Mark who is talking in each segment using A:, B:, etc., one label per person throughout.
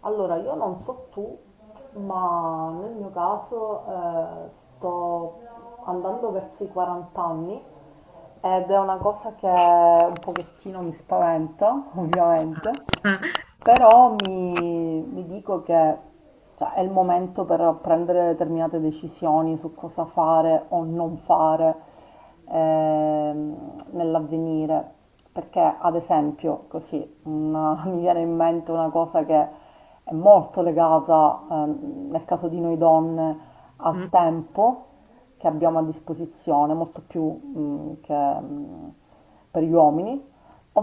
A: Allora, io non so tu, ma nel mio caso sto andando verso i 40 anni ed è una cosa che un pochettino mi spaventa, ovviamente,
B: Ah,
A: però mi dico che cioè, è il momento per prendere determinate decisioni su cosa fare o non fare nell'avvenire. Perché, ad esempio, mi viene in mente una cosa che è molto legata, nel caso di noi donne, al
B: mm,
A: tempo che abbiamo a disposizione, molto più, mm, per gli uomini,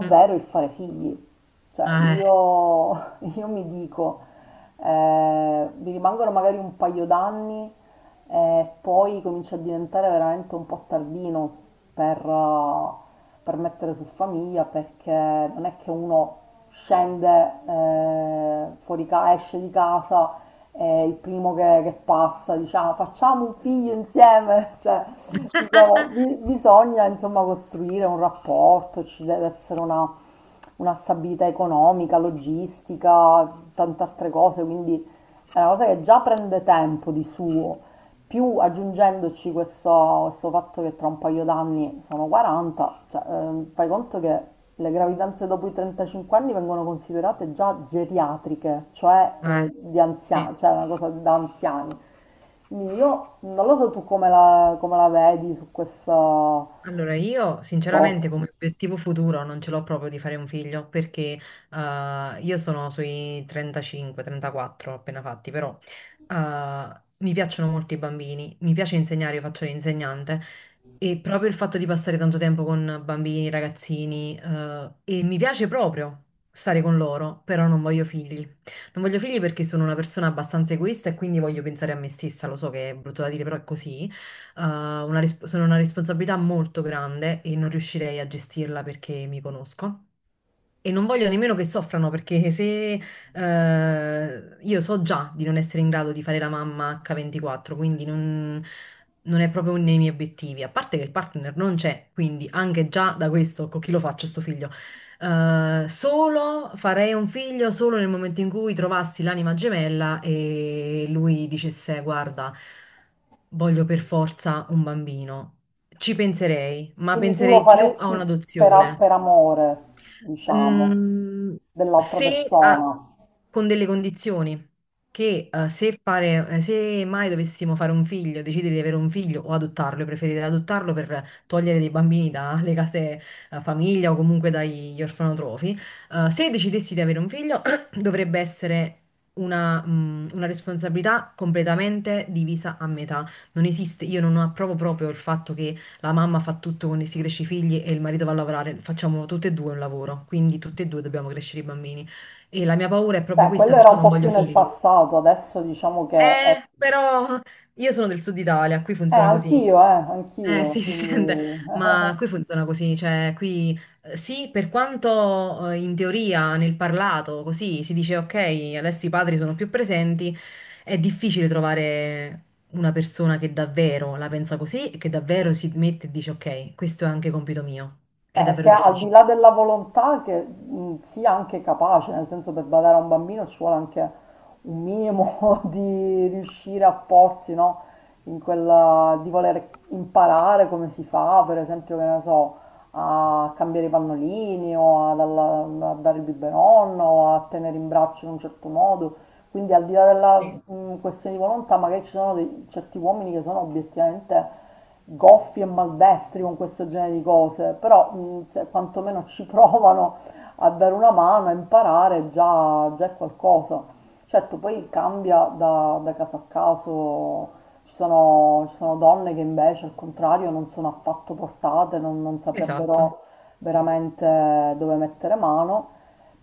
B: mm,
A: il fare figli. Cioè,
B: eh.
A: io mi dico, mi rimangono magari un paio d'anni e poi comincia a diventare veramente un po' tardino per, eh, per mettere su famiglia, perché non è che uno scende esce di casa e il primo che passa dice "Ah, facciamo un figlio insieme, cioè diciamo, bisogna insomma costruire un rapporto, ci deve essere una stabilità economica, logistica, tante altre cose, quindi è una cosa che già prende tempo di suo, più aggiungendoci questo fatto che tra un paio d'anni sono 40, cioè, fai conto che le gravidanze dopo i 35 anni vengono considerate già geriatriche, cioè
B: Eh,
A: di
B: sì.
A: anziani, cioè una cosa da anziani. Quindi io non lo so tu come come la vedi su questa
B: Allora, io
A: cosa.
B: sinceramente come obiettivo futuro non ce l'ho proprio di fare un figlio perché io sono sui 35-34 appena fatti, però mi piacciono molto i bambini, mi piace insegnare, io faccio l'insegnante e proprio il fatto di passare tanto tempo con bambini, ragazzini e mi piace proprio stare con loro, però non voglio figli. Non voglio figli perché sono una persona abbastanza egoista e quindi voglio pensare a me stessa, lo so che è brutto da dire, però è così eh, sono una responsabilità molto grande e non riuscirei a gestirla perché mi conosco. E non voglio nemmeno che soffrano perché se io so già di non essere in grado di fare la mamma H24, quindi non è proprio uno dei miei obiettivi. A parte che il partner non c'è, quindi anche già da questo, con chi lo faccio sto figlio? Solo farei un figlio solo nel momento in cui trovassi l'anima gemella e lui dicesse: Guarda, voglio per forza un bambino. Ci penserei, ma
A: Quindi tu lo
B: penserei più a
A: faresti per, per
B: un'adozione.
A: amore, diciamo,
B: Mm,
A: dell'altra
B: se a-
A: persona.
B: con delle condizioni che se fare, se mai dovessimo fare un figlio, decidere di avere un figlio o adottarlo, io preferirei adottarlo per togliere dei bambini dalle case famiglia o comunque dagli orfanotrofi. Se decidessi di avere un figlio, dovrebbe essere una responsabilità completamente divisa a metà. Non esiste, io non approvo proprio il fatto che la mamma fa tutto con si cresce i figli e il marito va a lavorare, facciamo tutte e due un lavoro, quindi tutte e due dobbiamo crescere i bambini. E la mia paura è proprio
A: Beh,
B: questa,
A: quello era
B: perciò
A: un
B: non
A: po' più
B: voglio
A: nel
B: figli.
A: passato, adesso diciamo che è
B: Però io sono del Sud Italia, qui
A: eh,
B: funziona così.
A: anch'io,
B: Eh
A: anch'io,
B: sì, si sente,
A: quindi
B: ma qui funziona così, cioè qui sì, per quanto in teoria nel parlato così si dice ok, adesso i padri sono più presenti, è difficile trovare una persona che davvero la pensa così e che davvero si mette e dice ok, questo è anche compito mio. È
A: che
B: davvero
A: al di
B: difficile.
A: là della volontà che sia anche capace, nel senso per badare a un bambino ci vuole anche un minimo di riuscire a porsi, no? In quella di voler imparare come si fa, per esempio, che ne so, a cambiare i pannolini o a dare il biberon o a tenere in braccio in un certo modo. Quindi al di là della
B: Sì.
A: questione di volontà, magari ci sono certi uomini che sono obiettivamente goffi e maldestri con questo genere di cose, però se quantomeno ci provano a dare una mano, a imparare, già è qualcosa. Certo, poi cambia da caso a caso, ci sono donne che invece al contrario non sono affatto portate, non
B: Esatto.
A: saprebbero
B: Sì.
A: veramente dove mettere mano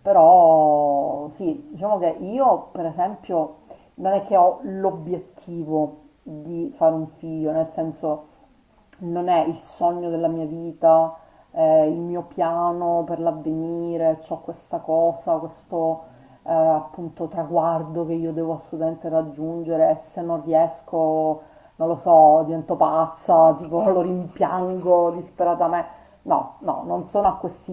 A: però sì, diciamo che io per esempio non è che ho l'obiettivo di fare un figlio, nel senso non è il sogno della mia vita, il mio piano per l'avvenire, c'ho questo appunto traguardo che io devo assolutamente raggiungere e se non riesco, non lo so, divento pazza, tipo lo rimpiango disperatamente. No, no, non sono a questi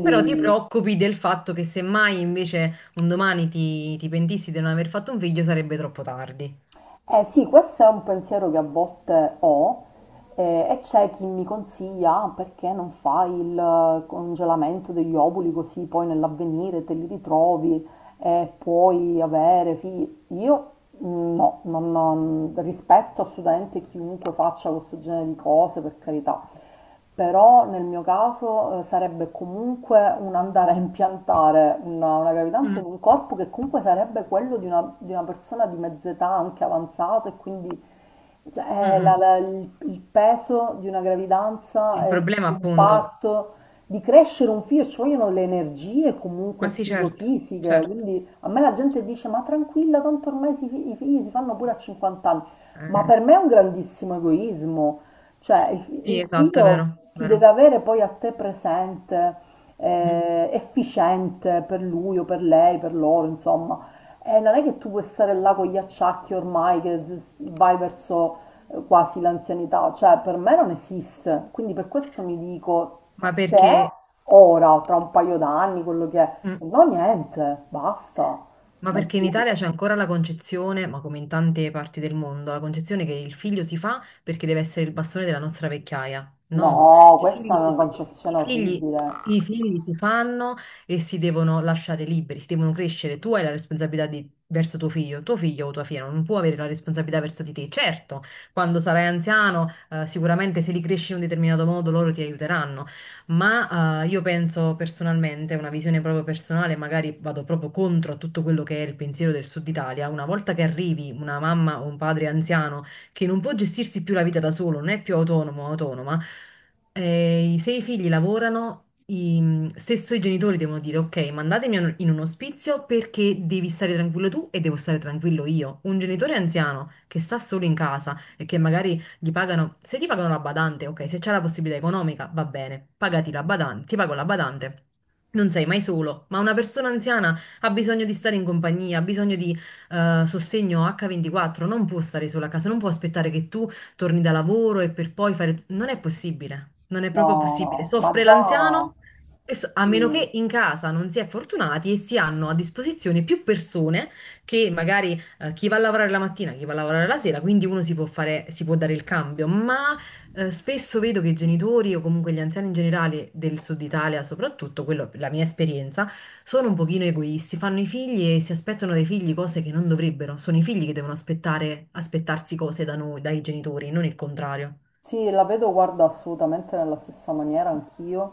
B: Però ti preoccupi del fatto che semmai invece un domani ti pentissi di non aver fatto un figlio sarebbe troppo tardi.
A: Eh sì, questo è un pensiero che a volte ho e c'è chi mi consiglia "Ah, perché non fai il congelamento degli ovuli così poi nell'avvenire te li ritrovi e puoi avere figli. Io mm, no, rispetto assolutamente chiunque faccia questo genere di cose, per carità, però nel mio caso sarebbe comunque un andare a impiantare una gravidanza
B: Mm,
A: in un corpo che comunque sarebbe quello di di una persona di mezza età, anche avanzata, e quindi
B: mm,
A: cioè,
B: mm.
A: il peso di una gravidanza,
B: Il problema
A: di un
B: appunto,
A: parto, di crescere un figlio, ci vogliono le energie comunque
B: ma sì, certo,
A: psicofisiche,
B: certo,
A: quindi a me la gente
B: certo.
A: dice, ma tranquilla, tanto ormai i figli si fanno pure a 50 anni. Ma
B: Eh,
A: per me è un grandissimo egoismo. Cioè,
B: sì,
A: il
B: esatto, è
A: figlio
B: vero,
A: ti deve
B: vero.
A: avere poi a te presente,
B: Mhm.
A: efficiente per lui o per lei, per loro, insomma. E non è che tu puoi stare là con gli acciacchi ormai che vai verso quasi l'anzianità, cioè per me non esiste. Quindi per questo mi dico,
B: Ma
A: se
B: perché...
A: ora, tra un paio d'anni, quello che è, se
B: mm.
A: no niente, basta,
B: Ma
A: mai
B: perché in
A: più.
B: Italia c'è ancora la concezione, ma come in tante parti del mondo, la concezione che il figlio si fa perché deve essere il bastone della nostra vecchiaia. No,
A: No,
B: i
A: questa
B: figli
A: è una
B: si, fa- i
A: concezione
B: figli,
A: orribile.
B: i figli si fanno e si devono lasciare liberi, si devono crescere. Tu hai la responsabilità verso tuo figlio o tua figlia non può avere la responsabilità verso di te. Certo, quando sarai anziano, sicuramente se li cresci in un determinato modo loro ti aiuteranno, ma io penso personalmente, una visione proprio personale, magari vado proprio contro a tutto quello che è il pensiero del Sud Italia. Una volta che arrivi una mamma o un padre anziano che non può gestirsi più la vita da solo, non è più autonomo o autonoma, se i figli lavorano, stesso i genitori devono dire: Ok, mandatemi in un ospizio perché devi stare tranquillo tu e devo stare tranquillo io. Un genitore anziano che sta solo in casa e che magari gli pagano, se ti pagano la badante, ok, se c'è la possibilità economica, va bene, pagati la badante, ti pago la badante. Non sei mai solo, ma una persona anziana ha bisogno di stare in compagnia, ha bisogno di sostegno H24, non può stare sola a casa, non può aspettare che tu torni da lavoro e per poi fare... Non è possibile, non è proprio
A: No,
B: possibile.
A: no, ma
B: Soffre l'anziano,
A: già...
B: a meno
A: sì.
B: che in casa non si è fortunati e si hanno a disposizione più persone che magari chi va a lavorare la mattina, chi va a lavorare la sera, quindi uno si può fare, si può dare il cambio, ma spesso vedo che i genitori o comunque gli anziani in generale del Sud Italia, soprattutto, quello, la mia esperienza, sono un pochino egoisti, fanno i figli e si aspettano dai figli cose che non dovrebbero, sono i figli che devono aspettare, aspettarsi cose da noi, dai genitori, non il contrario.
A: Sì, la vedo, guarda, assolutamente nella stessa maniera anch'io.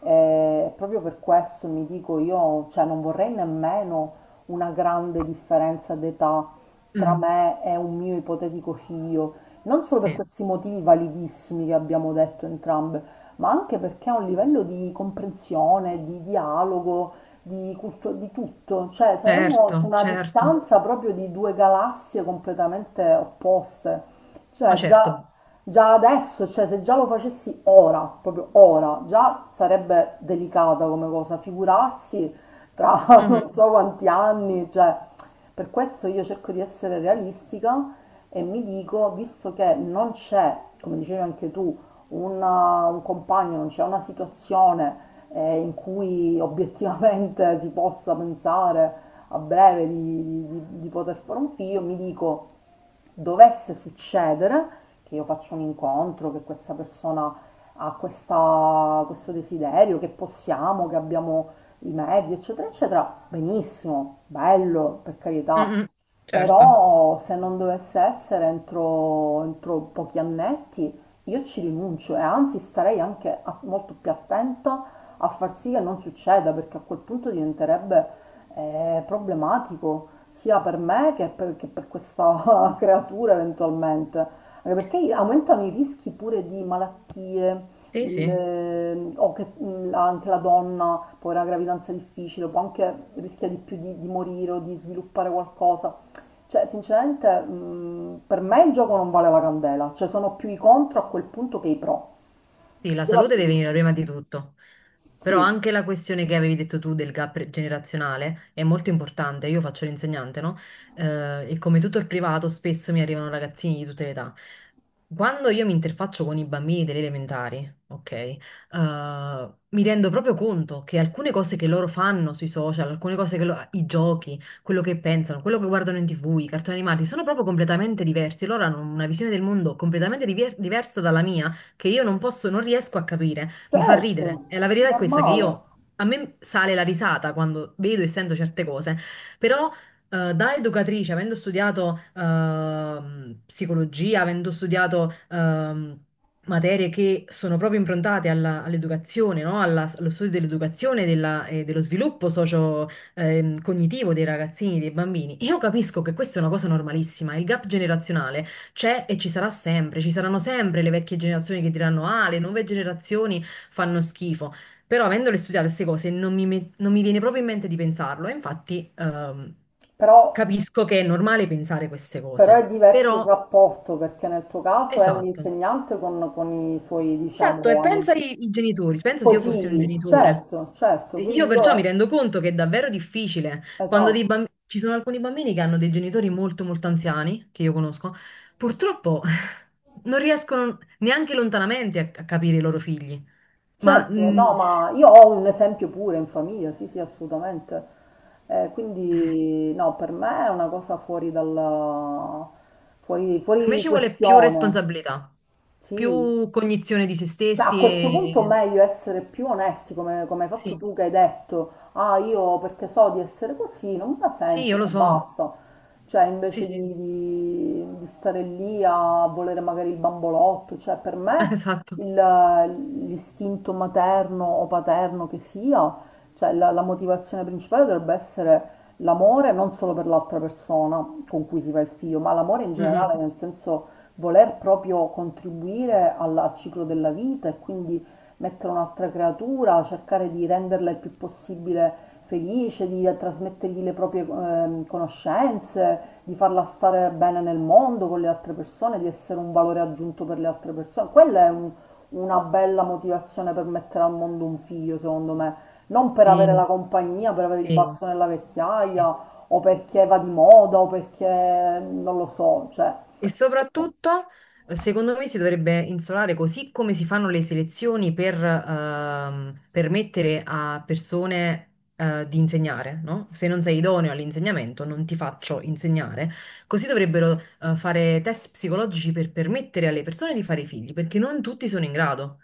A: E proprio per questo mi dico io, cioè non vorrei nemmeno una grande differenza d'età tra
B: Mm,
A: me e un mio ipotetico figlio, non solo per
B: sì,
A: questi motivi validissimi che abbiamo detto entrambe, ma anche perché a un livello di comprensione, di dialogo, di tutto, cioè saremmo su
B: certo,
A: una
B: certo,
A: distanza proprio di due galassie completamente opposte.
B: ma
A: Cioè,
B: certo.
A: già adesso, cioè se già lo facessi ora, proprio ora, già sarebbe delicata come cosa, figurarsi tra non
B: Mhm,
A: so quanti anni, cioè per questo io cerco di essere realistica e mi dico, visto che non c'è, come dicevi anche tu, un compagno, non c'è una situazione in cui obiettivamente si possa pensare a breve di, di poter fare un figlio, mi dico dovesse succedere, che io faccio un incontro, che questa persona ha questo desiderio, che possiamo, che abbiamo i mezzi, eccetera, eccetera, benissimo, bello, per
B: mm,
A: carità.
B: mm, certo,
A: Però se non dovesse essere entro pochi annetti, io ci rinuncio e anzi starei anche molto più attenta a far sì che non succeda, perché a quel punto diventerebbe problematico sia per me che per questa creatura eventualmente. Anche perché aumentano i rischi pure di malattie,
B: sì, sì.
A: o che anche la donna può avere una gravidanza difficile, può anche rischia di più di morire o di sviluppare qualcosa. Cioè, sinceramente, per me il gioco non vale la candela, cioè sono più i contro a quel punto che i pro.
B: Sì, la
A: Io la
B: salute
A: vedo
B: deve venire
A: così.
B: prima di tutto, però
A: Sì,
B: anche la questione che avevi detto tu del gap generazionale è molto importante. Io faccio l'insegnante, no? E come tutto il privato, spesso mi arrivano ragazzini di tutte le età. Quando io mi interfaccio con i bambini delle elementari, ok, mi rendo proprio conto che alcune cose che loro fanno sui social, alcune cose che i giochi, quello che pensano, quello che guardano in TV, i cartoni animati, sono proprio completamente diversi. Loro hanno una visione del mondo completamente diversa dalla mia che io non posso, non riesco a capire, mi fa ridere.
A: certo,
B: E la verità è questa, che
A: normale.
B: io, a me sale la risata quando vedo e sento certe cose, però da educatrice, avendo studiato psicologia, avendo studiato materie che sono proprio improntate all'educazione, no? Allo studio dell'educazione e dello sviluppo socio, cognitivo dei ragazzini, dei bambini. Io capisco che questa è una cosa normalissima, il gap generazionale c'è e ci sarà sempre, ci saranno sempre le vecchie generazioni che diranno: Ah, le nuove generazioni fanno schifo. Però, avendole studiate queste cose, non mi viene proprio in mente di pensarlo. E infatti,
A: Però,
B: capisco che è normale pensare queste
A: però è
B: cose.
A: diverso il
B: Però,
A: rapporto, perché nel tuo caso è un
B: esatto.
A: insegnante con i suoi,
B: Esatto, e
A: diciamo, alunni.
B: pensa ai genitori, pensa se
A: Coi
B: io fossi un
A: figli,
B: genitore.
A: certo, certo,
B: Io
A: quindi
B: perciò mi
A: io,
B: rendo conto che è davvero difficile quando
A: esatto,
B: ci sono alcuni bambini che hanno dei genitori molto molto anziani, che io conosco, purtroppo non riescono neanche lontanamente a capire i loro figli. Ma
A: certo, no, ma io ho un esempio pure in famiglia, sì, sì, assolutamente. Quindi, no, per me è una cosa fuori dalla, fuori,
B: per me
A: fuori
B: ci vuole più
A: questione,
B: responsabilità,
A: sì,
B: più cognizione di se
A: cioè, a
B: stessi
A: questo punto
B: e...
A: meglio essere più onesti, come, come hai fatto
B: Sì,
A: tu che hai detto, ah, io perché so di essere così, non me la
B: sì, io
A: sento
B: lo
A: e
B: so.
A: basta. Cioè,
B: Sì,
A: invece
B: sì,
A: di, di stare lì a volere magari il bambolotto, cioè, per me
B: esatto.
A: il- l'istinto materno o paterno che sia, cioè, la motivazione principale dovrebbe essere l'amore non solo per l'altra persona con cui si fa il figlio, ma l'amore in
B: Mm,
A: generale,
B: mm.
A: nel senso voler proprio contribuire al ciclo della vita e quindi mettere un'altra creatura, cercare di renderla il più possibile felice, di trasmettergli le proprie conoscenze, di farla stare bene nel mondo con le altre persone, di essere un valore aggiunto per le altre persone. Quella è una bella motivazione per mettere al mondo un figlio, secondo me. Non per avere la
B: Sì,
A: compagnia, per avere il
B: sì,
A: basso nella
B: sì.
A: vecchiaia, o perché va di moda, o perché non lo so, cioè
B: E soprattutto, secondo me, si dovrebbe instaurare così come si fanno le selezioni per permettere a persone di insegnare, no? Se non sei idoneo all'insegnamento, non ti faccio insegnare. Così dovrebbero fare test psicologici per permettere alle persone di fare figli, perché non tutti sono in grado.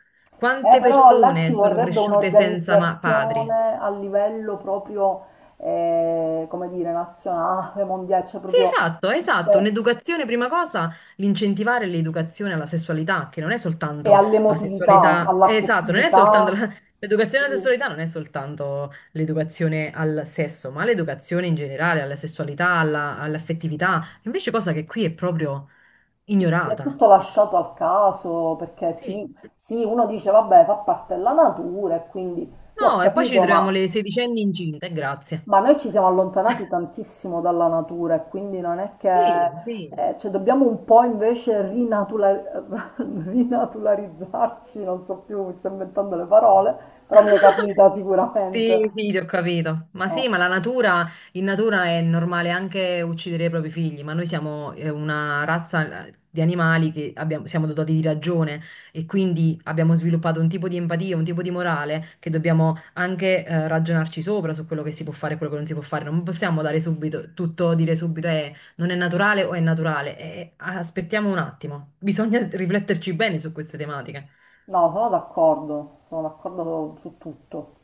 A: eh,
B: Quante
A: però là
B: persone
A: ci
B: sono
A: vorrebbe
B: cresciute senza padri?
A: un'organizzazione a livello proprio, come dire, nazionale, mondiale, cioè
B: Sì,
A: proprio
B: esatto, esatto.
A: eh,
B: Un'educazione, prima cosa, l'incentivare l'educazione alla sessualità, che non è
A: e
B: soltanto la
A: all'emotività,
B: sessualità, esatto, non è soltanto
A: all'affettività.
B: l'educazione
A: Sì,
B: alla sessualità, non è soltanto l'educazione al sesso, ma l'educazione in generale, alla sessualità, all'affettività. Invece cosa che qui è proprio
A: sì, sì, è
B: ignorata.
A: tutto lasciato al caso, perché
B: Sì.
A: sì, sì, uno dice, vabbè, fa parte della natura e quindi io ho
B: No, e poi ci
A: capito,
B: ritroviamo
A: ma...
B: le sedicenni incinte, grazie.
A: Ma noi ci siamo allontanati tantissimo dalla natura e quindi non è che,
B: Sì, sì.
A: cioè dobbiamo un po' invece rinaturalizzarci, non so più, mi sto inventando le parole, però mi è capita sicuramente.
B: Sì, sì, ti ho capito. Ma
A: Eh,
B: sì, ma la natura, in natura è normale anche uccidere i propri figli, ma noi siamo una razza di animali che siamo dotati di ragione e quindi abbiamo sviluppato un tipo di empatia, un tipo di morale che dobbiamo anche ragionarci sopra su quello che si può fare e quello che non si può fare. Non possiamo dare subito, tutto, dire subito non è naturale o è naturale. Aspettiamo un attimo, bisogna rifletterci bene su queste tematiche.
A: no, sono d'accordo su tutto.